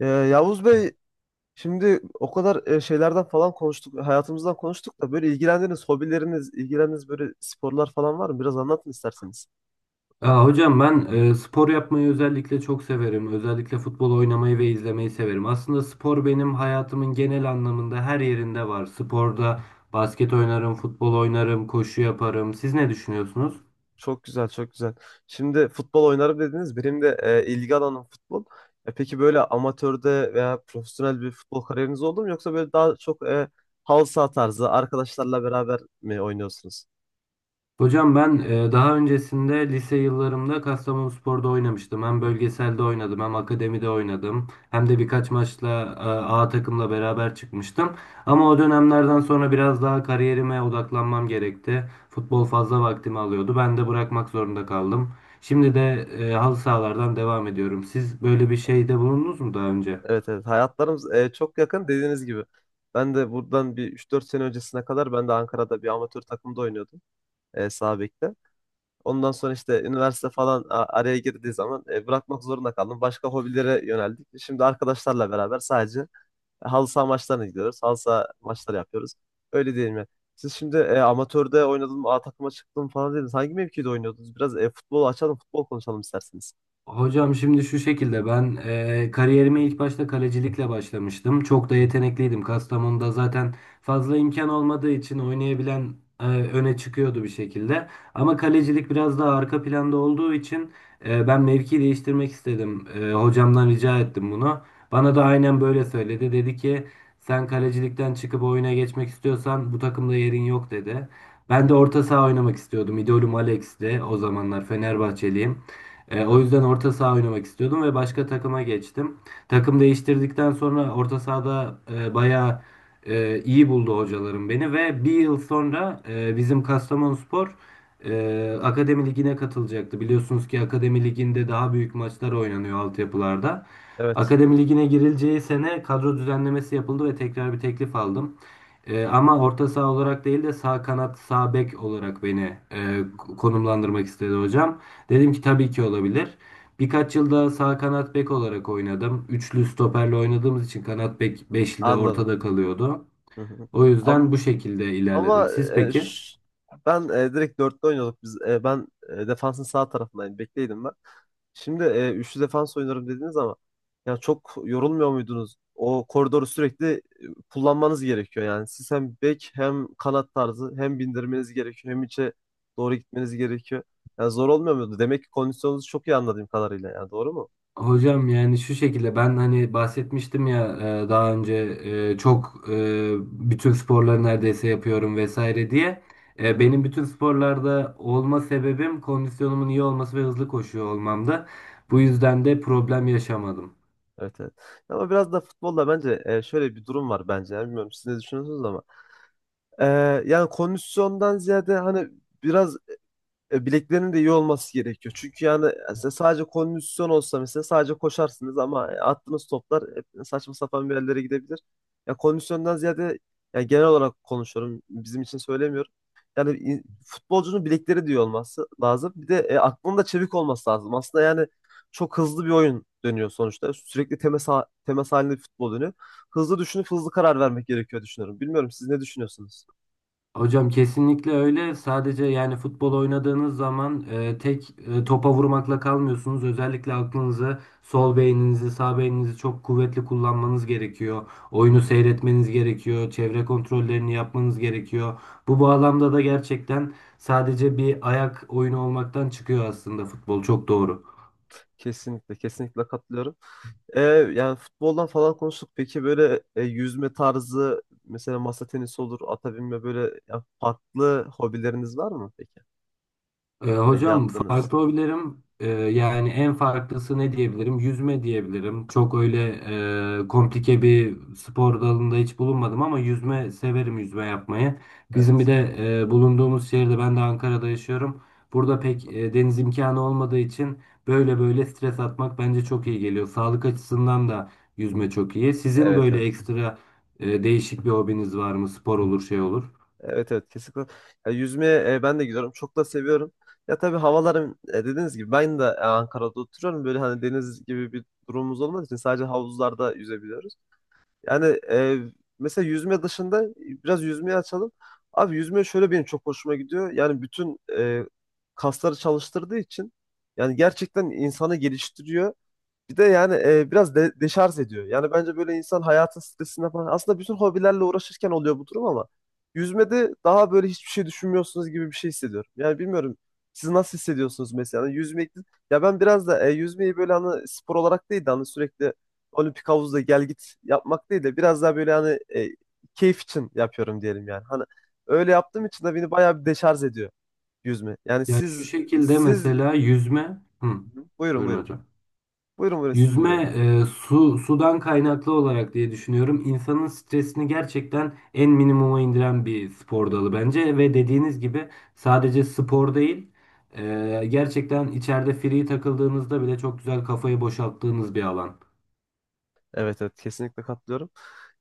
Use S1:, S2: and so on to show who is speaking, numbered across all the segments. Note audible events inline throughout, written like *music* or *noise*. S1: Yavuz Bey şimdi o kadar şeylerden falan konuştuk, hayatımızdan konuştuk da böyle ilgilendiğiniz hobileriniz, ilgilendiğiniz böyle sporlar falan var mı? Biraz anlatın isterseniz.
S2: Ya hocam ben spor yapmayı özellikle çok severim. Özellikle futbol oynamayı ve izlemeyi severim. Aslında spor benim hayatımın genel anlamında her yerinde var. Sporda basket oynarım, futbol oynarım, koşu yaparım. Siz ne düşünüyorsunuz?
S1: Çok güzel, çok güzel. Şimdi futbol oynarım dediniz. Benim de ilgi alanım futbol. Peki böyle amatörde veya profesyonel bir futbol kariyeriniz oldu mu? Yoksa böyle daha çok halı saha tarzı arkadaşlarla beraber mi oynuyorsunuz?
S2: Hocam ben daha öncesinde lise yıllarımda Kastamonuspor'da oynamıştım. Hem bölgeselde oynadım, hem akademide oynadım.
S1: Hı
S2: Hem de
S1: hı.
S2: birkaç maçla A takımla beraber çıkmıştım. Ama o dönemlerden sonra biraz daha kariyerime odaklanmam gerekti. Futbol fazla vaktimi alıyordu. Ben de bırakmak zorunda kaldım. Şimdi de halı sahalardan devam ediyorum. Siz böyle bir şeyde bulundunuz mu daha önce?
S1: Evet evet, hayatlarımız çok yakın dediğiniz gibi. Ben de buradan bir üç dört sene öncesine kadar ben de Ankara'da bir amatör takımda oynuyordum sağ bekte. Ondan sonra işte üniversite falan araya girdiği zaman bırakmak zorunda kaldım. Başka hobilere yöneldik. Şimdi arkadaşlarla beraber sadece halı saha maçlarına gidiyoruz. Halı saha maçları yapıyoruz. Öyle değil mi? Siz şimdi amatörde oynadım, A takıma çıktım falan dediniz. Hangi mevkide oynuyordunuz? Biraz futbol açalım, futbol konuşalım isterseniz.
S2: Hocam şimdi şu şekilde ben kariyerime ilk başta kalecilikle başlamıştım. Çok da yetenekliydim. Kastamonu'da zaten fazla imkan olmadığı için oynayabilen öne çıkıyordu bir şekilde. Ama kalecilik biraz daha arka planda olduğu için ben mevki değiştirmek istedim. Hocamdan rica ettim bunu. Bana da aynen böyle söyledi. Dedi ki sen kalecilikten çıkıp oyuna geçmek istiyorsan bu takımda yerin yok dedi.
S1: Hı
S2: Ben de
S1: hı.
S2: orta saha oynamak istiyordum. İdolüm Alex'ti o zamanlar,
S1: Hı hı.
S2: Fenerbahçeliyim. O
S1: Evet.
S2: yüzden orta saha oynamak istiyordum ve başka takıma geçtim. Takım değiştirdikten sonra orta sahada bayağı iyi buldu hocalarım beni ve bir yıl sonra bizim Kastamonuspor Akademi Ligi'ne katılacaktı. Biliyorsunuz ki Akademi Ligi'nde daha büyük maçlar oynanıyor altyapılarda.
S1: Evet.
S2: Akademi ligine girileceği sene kadro düzenlemesi yapıldı ve tekrar bir teklif aldım. Ama orta saha olarak değil de sağ kanat, sağ bek olarak beni
S1: Hı hı.
S2: konumlandırmak istedi hocam. Dedim ki tabii ki olabilir. Birkaç yılda sağ kanat bek olarak oynadım. Üçlü stoperle oynadığımız için kanat bek beşli de
S1: Anladım.
S2: ortada kalıyordu.
S1: Hı hı.
S2: O yüzden
S1: Am-
S2: bu şekilde ilerledim.
S1: Ama,
S2: Siz
S1: e,
S2: peki?
S1: ş- ben direkt dörtte oynuyorduk biz. Ben defansın sağ tarafındaydım, bekleydim ben. Şimdi üçlü defans oynarım dediniz ama ya çok yorulmuyor muydunuz? O koridoru sürekli kullanmanız gerekiyor yani. Siz hem bek hem kanat tarzı, hem bindirmeniz gerekiyor hem içe doğru gitmeniz gerekiyor. Yani zor olmuyor muydu? Demek ki kondisyonunuzu çok iyi, anladığım kadarıyla yani, doğru mu?
S2: Hocam yani şu şekilde ben hani bahsetmiştim ya, daha önce bütün sporları neredeyse yapıyorum vesaire diye.
S1: Hı hı.
S2: Benim bütün sporlarda olma sebebim kondisyonumun iyi olması ve hızlı koşuyor olmamdı. Bu
S1: Hmm.
S2: yüzden de problem yaşamadım.
S1: Evet, evet. Ama biraz da futbolda bence şöyle bir durum var bence. Yani bilmiyorum siz ne düşünüyorsunuz ama. E, Yani kondisyondan ziyade hani biraz bileklerinin de iyi olması gerekiyor. Çünkü yani mesela sadece kondisyon olsa, mesela sadece koşarsınız ama attığınız toplar hep saçma sapan bir yerlere gidebilir. Ya kondisyondan ziyade yani genel olarak konuşuyorum. Bizim için söylemiyorum. Yani futbolcunun bilekleri de iyi olması lazım. Bir de aklının da çevik olması lazım. Aslında yani çok hızlı bir oyun dönüyor sonuçta. Sürekli temas, temas halinde bir futbol dönüyor. Hızlı düşünüp hızlı karar vermek gerekiyor düşünüyorum. Bilmiyorum siz ne düşünüyorsunuz?
S2: Hocam kesinlikle öyle. Sadece yani futbol oynadığınız zaman tek topa vurmakla kalmıyorsunuz. Özellikle aklınızı, sol beyninizi, sağ beyninizi çok kuvvetli kullanmanız gerekiyor.
S1: Hı
S2: Oyunu
S1: hı.
S2: seyretmeniz gerekiyor. Çevre kontrollerini yapmanız gerekiyor. Bu bağlamda da gerçekten sadece bir ayak oyunu olmaktan çıkıyor aslında futbol. Çok doğru.
S1: Kesinlikle, kesinlikle katılıyorum. E, Yani futboldan falan konuştuk. Peki böyle yüzme tarzı, mesela masa tenisi olur, ata binme böyle ya, farklı hobileriniz var mı peki? Yani
S2: Hocam
S1: yaptınız.
S2: farklı hobilerim, yani en farklısı ne diyebilirim? Yüzme diyebilirim. Çok öyle komplike bir spor dalında hiç bulunmadım ama yüzme severim, yüzme yapmayı. Bizim bir
S1: Evet.
S2: de bulunduğumuz şehirde, ben de Ankara'da yaşıyorum. Burada pek
S1: Hı.
S2: deniz imkanı olmadığı için böyle böyle stres atmak bence çok iyi geliyor. Sağlık açısından da yüzme çok iyi. Sizin
S1: Evet
S2: böyle
S1: evet.
S2: ekstra değişik bir hobiniz var mı? Spor olur, şey olur.
S1: Evet evet kesinlikle. Ya, yüzmeye ben de gidiyorum. Çok da seviyorum. Ya tabii havalarım dediğiniz gibi ben de Ankara'da oturuyorum. Böyle hani deniz gibi bir durumumuz olmadığı için sadece havuzlarda yüzebiliyoruz. Yani mesela yüzme dışında biraz yüzmeyi açalım. Abi yüzme şöyle benim çok hoşuma gidiyor. Yani bütün kasları çalıştırdığı için yani gerçekten insanı geliştiriyor. Bir de yani biraz deşarj ediyor. Yani bence böyle insan hayatın stresinden falan aslında bütün hobilerle uğraşırken oluyor bu durum ama yüzmede daha böyle hiçbir şey düşünmüyorsunuz gibi bir şey hissediyorum. Yani bilmiyorum siz nasıl hissediyorsunuz mesela. Yani yüzmek, ya ben biraz da yüzmeyi böyle hani spor olarak değil de hani sürekli olimpik havuzda gel git yapmak değil de biraz daha böyle hani keyif için yapıyorum diyelim yani. Hani öyle yaptığım için de beni bayağı bir deşarj ediyor yüzme. Yani
S2: Ya şu
S1: siz
S2: şekilde
S1: siz
S2: mesela yüzme, hı,
S1: buyurun
S2: buyurun
S1: buyurun.
S2: hocam.
S1: Buyurun buyurun, sizi
S2: Yüzme
S1: dinliyorum.
S2: e, su sudan kaynaklı olarak diye düşünüyorum. İnsanın stresini gerçekten en minimuma indiren bir spor dalı bence ve dediğiniz gibi sadece spor değil, gerçekten içeride free takıldığınızda bile çok güzel kafayı boşalttığınız bir alan.
S1: Evet evet kesinlikle katılıyorum.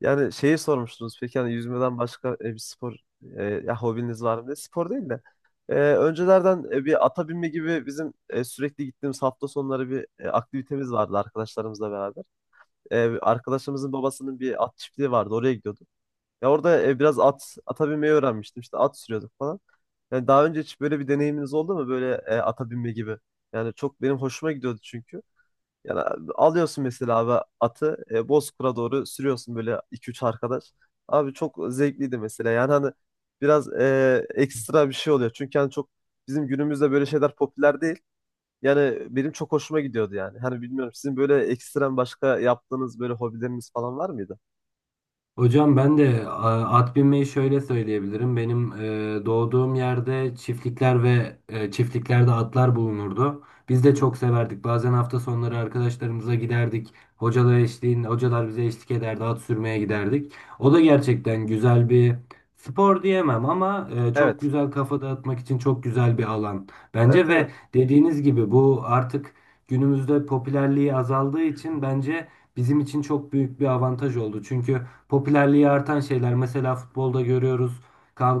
S1: Yani şeyi sormuştunuz, peki hani yüzmeden başka bir spor ya hobiniz var mı diye. Spor değil de öncelerden bir ata binme gibi, bizim sürekli gittiğimiz hafta sonları bir aktivitemiz vardı arkadaşlarımızla beraber. Arkadaşımızın babasının bir at çiftliği vardı, oraya gidiyorduk. Ya orada biraz ata binmeyi öğrenmiştim, işte at sürüyorduk falan. Yani daha önce hiç böyle bir deneyiminiz oldu mu, böyle ata binme gibi? Yani çok benim hoşuma gidiyordu çünkü. Yani alıyorsun mesela abi atı Bozkır'a doğru sürüyorsun böyle iki üç arkadaş. Abi çok zevkliydi mesela. Yani hani biraz ekstra bir şey oluyor. Çünkü hani çok bizim günümüzde böyle şeyler popüler değil. Yani benim çok hoşuma gidiyordu yani. Hani bilmiyorum sizin böyle ekstrem başka yaptığınız böyle hobileriniz falan var mıydı?
S2: Hocam ben de at binmeyi şöyle söyleyebilirim. Benim doğduğum yerde çiftlikler ve çiftliklerde atlar bulunurdu. Biz de
S1: Hı.
S2: çok severdik. Bazen hafta sonları arkadaşlarımıza giderdik. Hocalar eşliğinde, hocalar bize eşlik ederdi. At sürmeye giderdik. O da gerçekten güzel bir spor diyemem ama çok
S1: Evet.
S2: güzel kafa dağıtmak için çok güzel bir alan.
S1: Evet
S2: Bence ve
S1: evet.
S2: dediğiniz gibi bu artık günümüzde popülerliği azaldığı için bence bizim için çok büyük bir avantaj oldu. Çünkü popülerliği artan şeyler. Mesela futbolda görüyoruz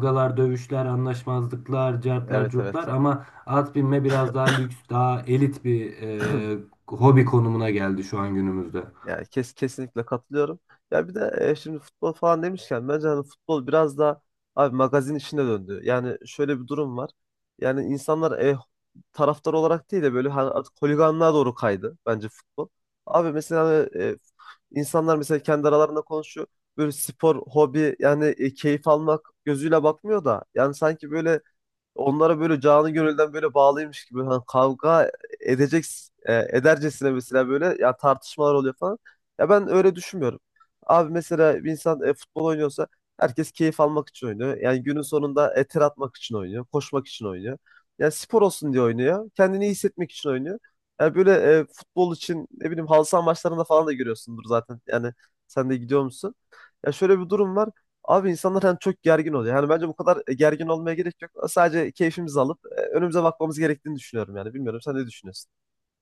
S1: Hı hı.
S2: dövüşler, anlaşmazlıklar, cartlar,
S1: Evet evet.
S2: curtlar ama at binme biraz daha lüks, daha elit bir
S1: *clears throat*
S2: hobi konumuna geldi şu an günümüzde.
S1: Yani kesinlikle katılıyorum. Ya bir de şimdi futbol falan demişken bence hani futbol biraz da abi magazin işine döndü. Yani şöyle bir durum var. Yani insanlar taraftar olarak değil de böyle hani artık holiganlığa doğru kaydı bence futbol. Abi mesela hani, insanlar mesela kendi aralarında konuşuyor. Böyle spor, hobi yani keyif almak gözüyle bakmıyor da yani sanki böyle onlara böyle canı gönülden böyle bağlıymış gibi hani kavga edecek edercesine mesela böyle ya tartışmalar oluyor falan. Ya ben öyle düşünmüyorum. Abi mesela bir insan futbol oynuyorsa herkes keyif almak için oynuyor. Yani günün sonunda ter atmak için oynuyor, koşmak için oynuyor. Yani spor olsun diye oynuyor. Kendini iyi hissetmek için oynuyor. Yani böyle futbol için ne bileyim, halı saha maçlarında falan da görüyorsundur zaten. Yani sen de gidiyor musun? Ya şöyle bir durum var. Abi insanlar hani çok gergin oluyor. Yani bence bu kadar gergin olmaya gerek yok. Sadece keyfimizi alıp önümüze bakmamız gerektiğini düşünüyorum yani. Bilmiyorum sen ne düşünüyorsun?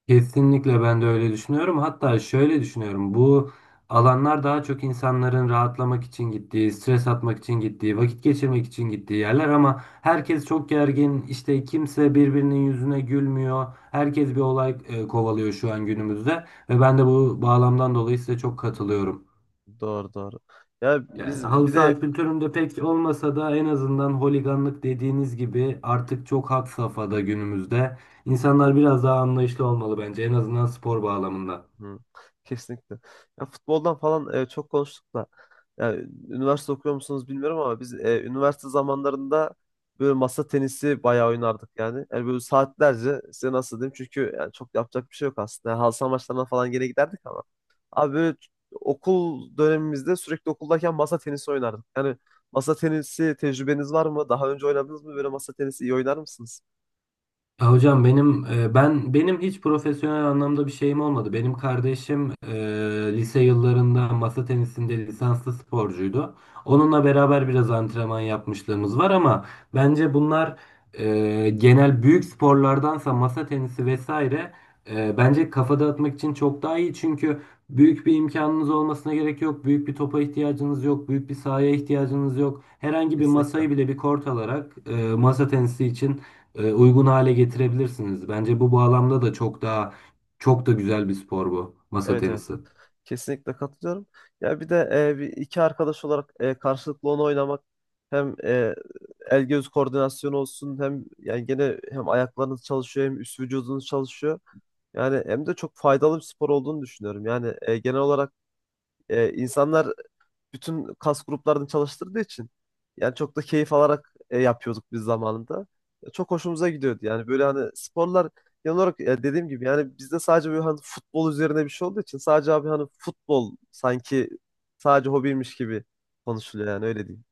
S2: Kesinlikle ben de öyle düşünüyorum. Hatta şöyle düşünüyorum. Bu alanlar daha çok insanların rahatlamak için gittiği, stres atmak için gittiği, vakit geçirmek için gittiği yerler ama herkes çok gergin. İşte kimse birbirinin yüzüne gülmüyor. Herkes bir olay kovalıyor şu an günümüzde ve
S1: Hı
S2: ben de
S1: hı.
S2: bu bağlamdan dolayı size çok katılıyorum.
S1: Doğru doğru. Ya
S2: Yani
S1: biz
S2: halı
S1: bir de
S2: saha kültüründe pek olmasa da en azından holiganlık dediğiniz gibi artık çok had safhada günümüzde. İnsanlar biraz daha anlayışlı olmalı bence, en azından spor bağlamında.
S1: hı, kesinlikle. Ya futboldan falan çok konuştuk da. Yani üniversite okuyor musunuz bilmiyorum ama biz üniversite zamanlarında böyle masa tenisi bayağı oynardık yani. Yani böyle saatlerce, size nasıl diyeyim, çünkü yani çok yapacak bir şey yok aslında. Yani halı saha maçlarına falan gene giderdik ama. Abi böyle okul dönemimizde sürekli okuldayken masa tenisi oynardık. Yani masa tenisi tecrübeniz var mı? Daha önce oynadınız mı? Böyle masa tenisi iyi oynar mısınız?
S2: Ya hocam benim benim hiç profesyonel anlamda bir şeyim olmadı. Benim kardeşim lise yıllarında masa tenisinde lisanslı sporcuydu. Onunla beraber biraz antrenman yapmışlığımız var ama bence bunlar genel büyük sporlardansa masa tenisi vesaire bence kafa dağıtmak için çok daha iyi. Çünkü büyük bir imkanınız olmasına gerek yok. Büyük bir topa ihtiyacınız yok. Büyük bir sahaya ihtiyacınız yok. Herhangi bir
S1: Kesinlikle.
S2: masayı bile bir kort alarak masa tenisi için uygun hale getirebilirsiniz. Bence bu bağlamda da çok da güzel bir spor bu masa
S1: Evet evet.
S2: tenisi.
S1: Kesinlikle katılıyorum. Ya bir de bir iki arkadaş olarak karşılıklı onu oynamak, hem el göz koordinasyonu olsun hem yani gene hem ayaklarınız çalışıyor hem üst vücudunuz çalışıyor. Yani hem de çok faydalı bir spor olduğunu düşünüyorum. Yani genel olarak insanlar bütün kas gruplarını çalıştırdığı için yani çok da keyif alarak yapıyorduk biz zamanında. Çok hoşumuza gidiyordu. Yani böyle hani sporlar genel olarak dediğim gibi yani bizde sadece böyle hani futbol üzerine bir şey olduğu için sadece abi hani futbol sanki sadece hobiymiş gibi konuşuluyor yani, öyle diyeyim.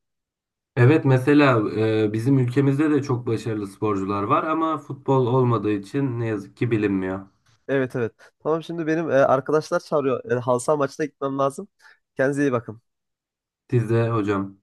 S2: Evet mesela bizim ülkemizde de çok başarılı sporcular var ama futbol olmadığı için ne yazık ki bilinmiyor.
S1: Evet evet. Tamam, şimdi benim arkadaşlar çağırıyor. Halı saha maçına gitmem lazım. Kendinize iyi bakın.
S2: Siz de hocam.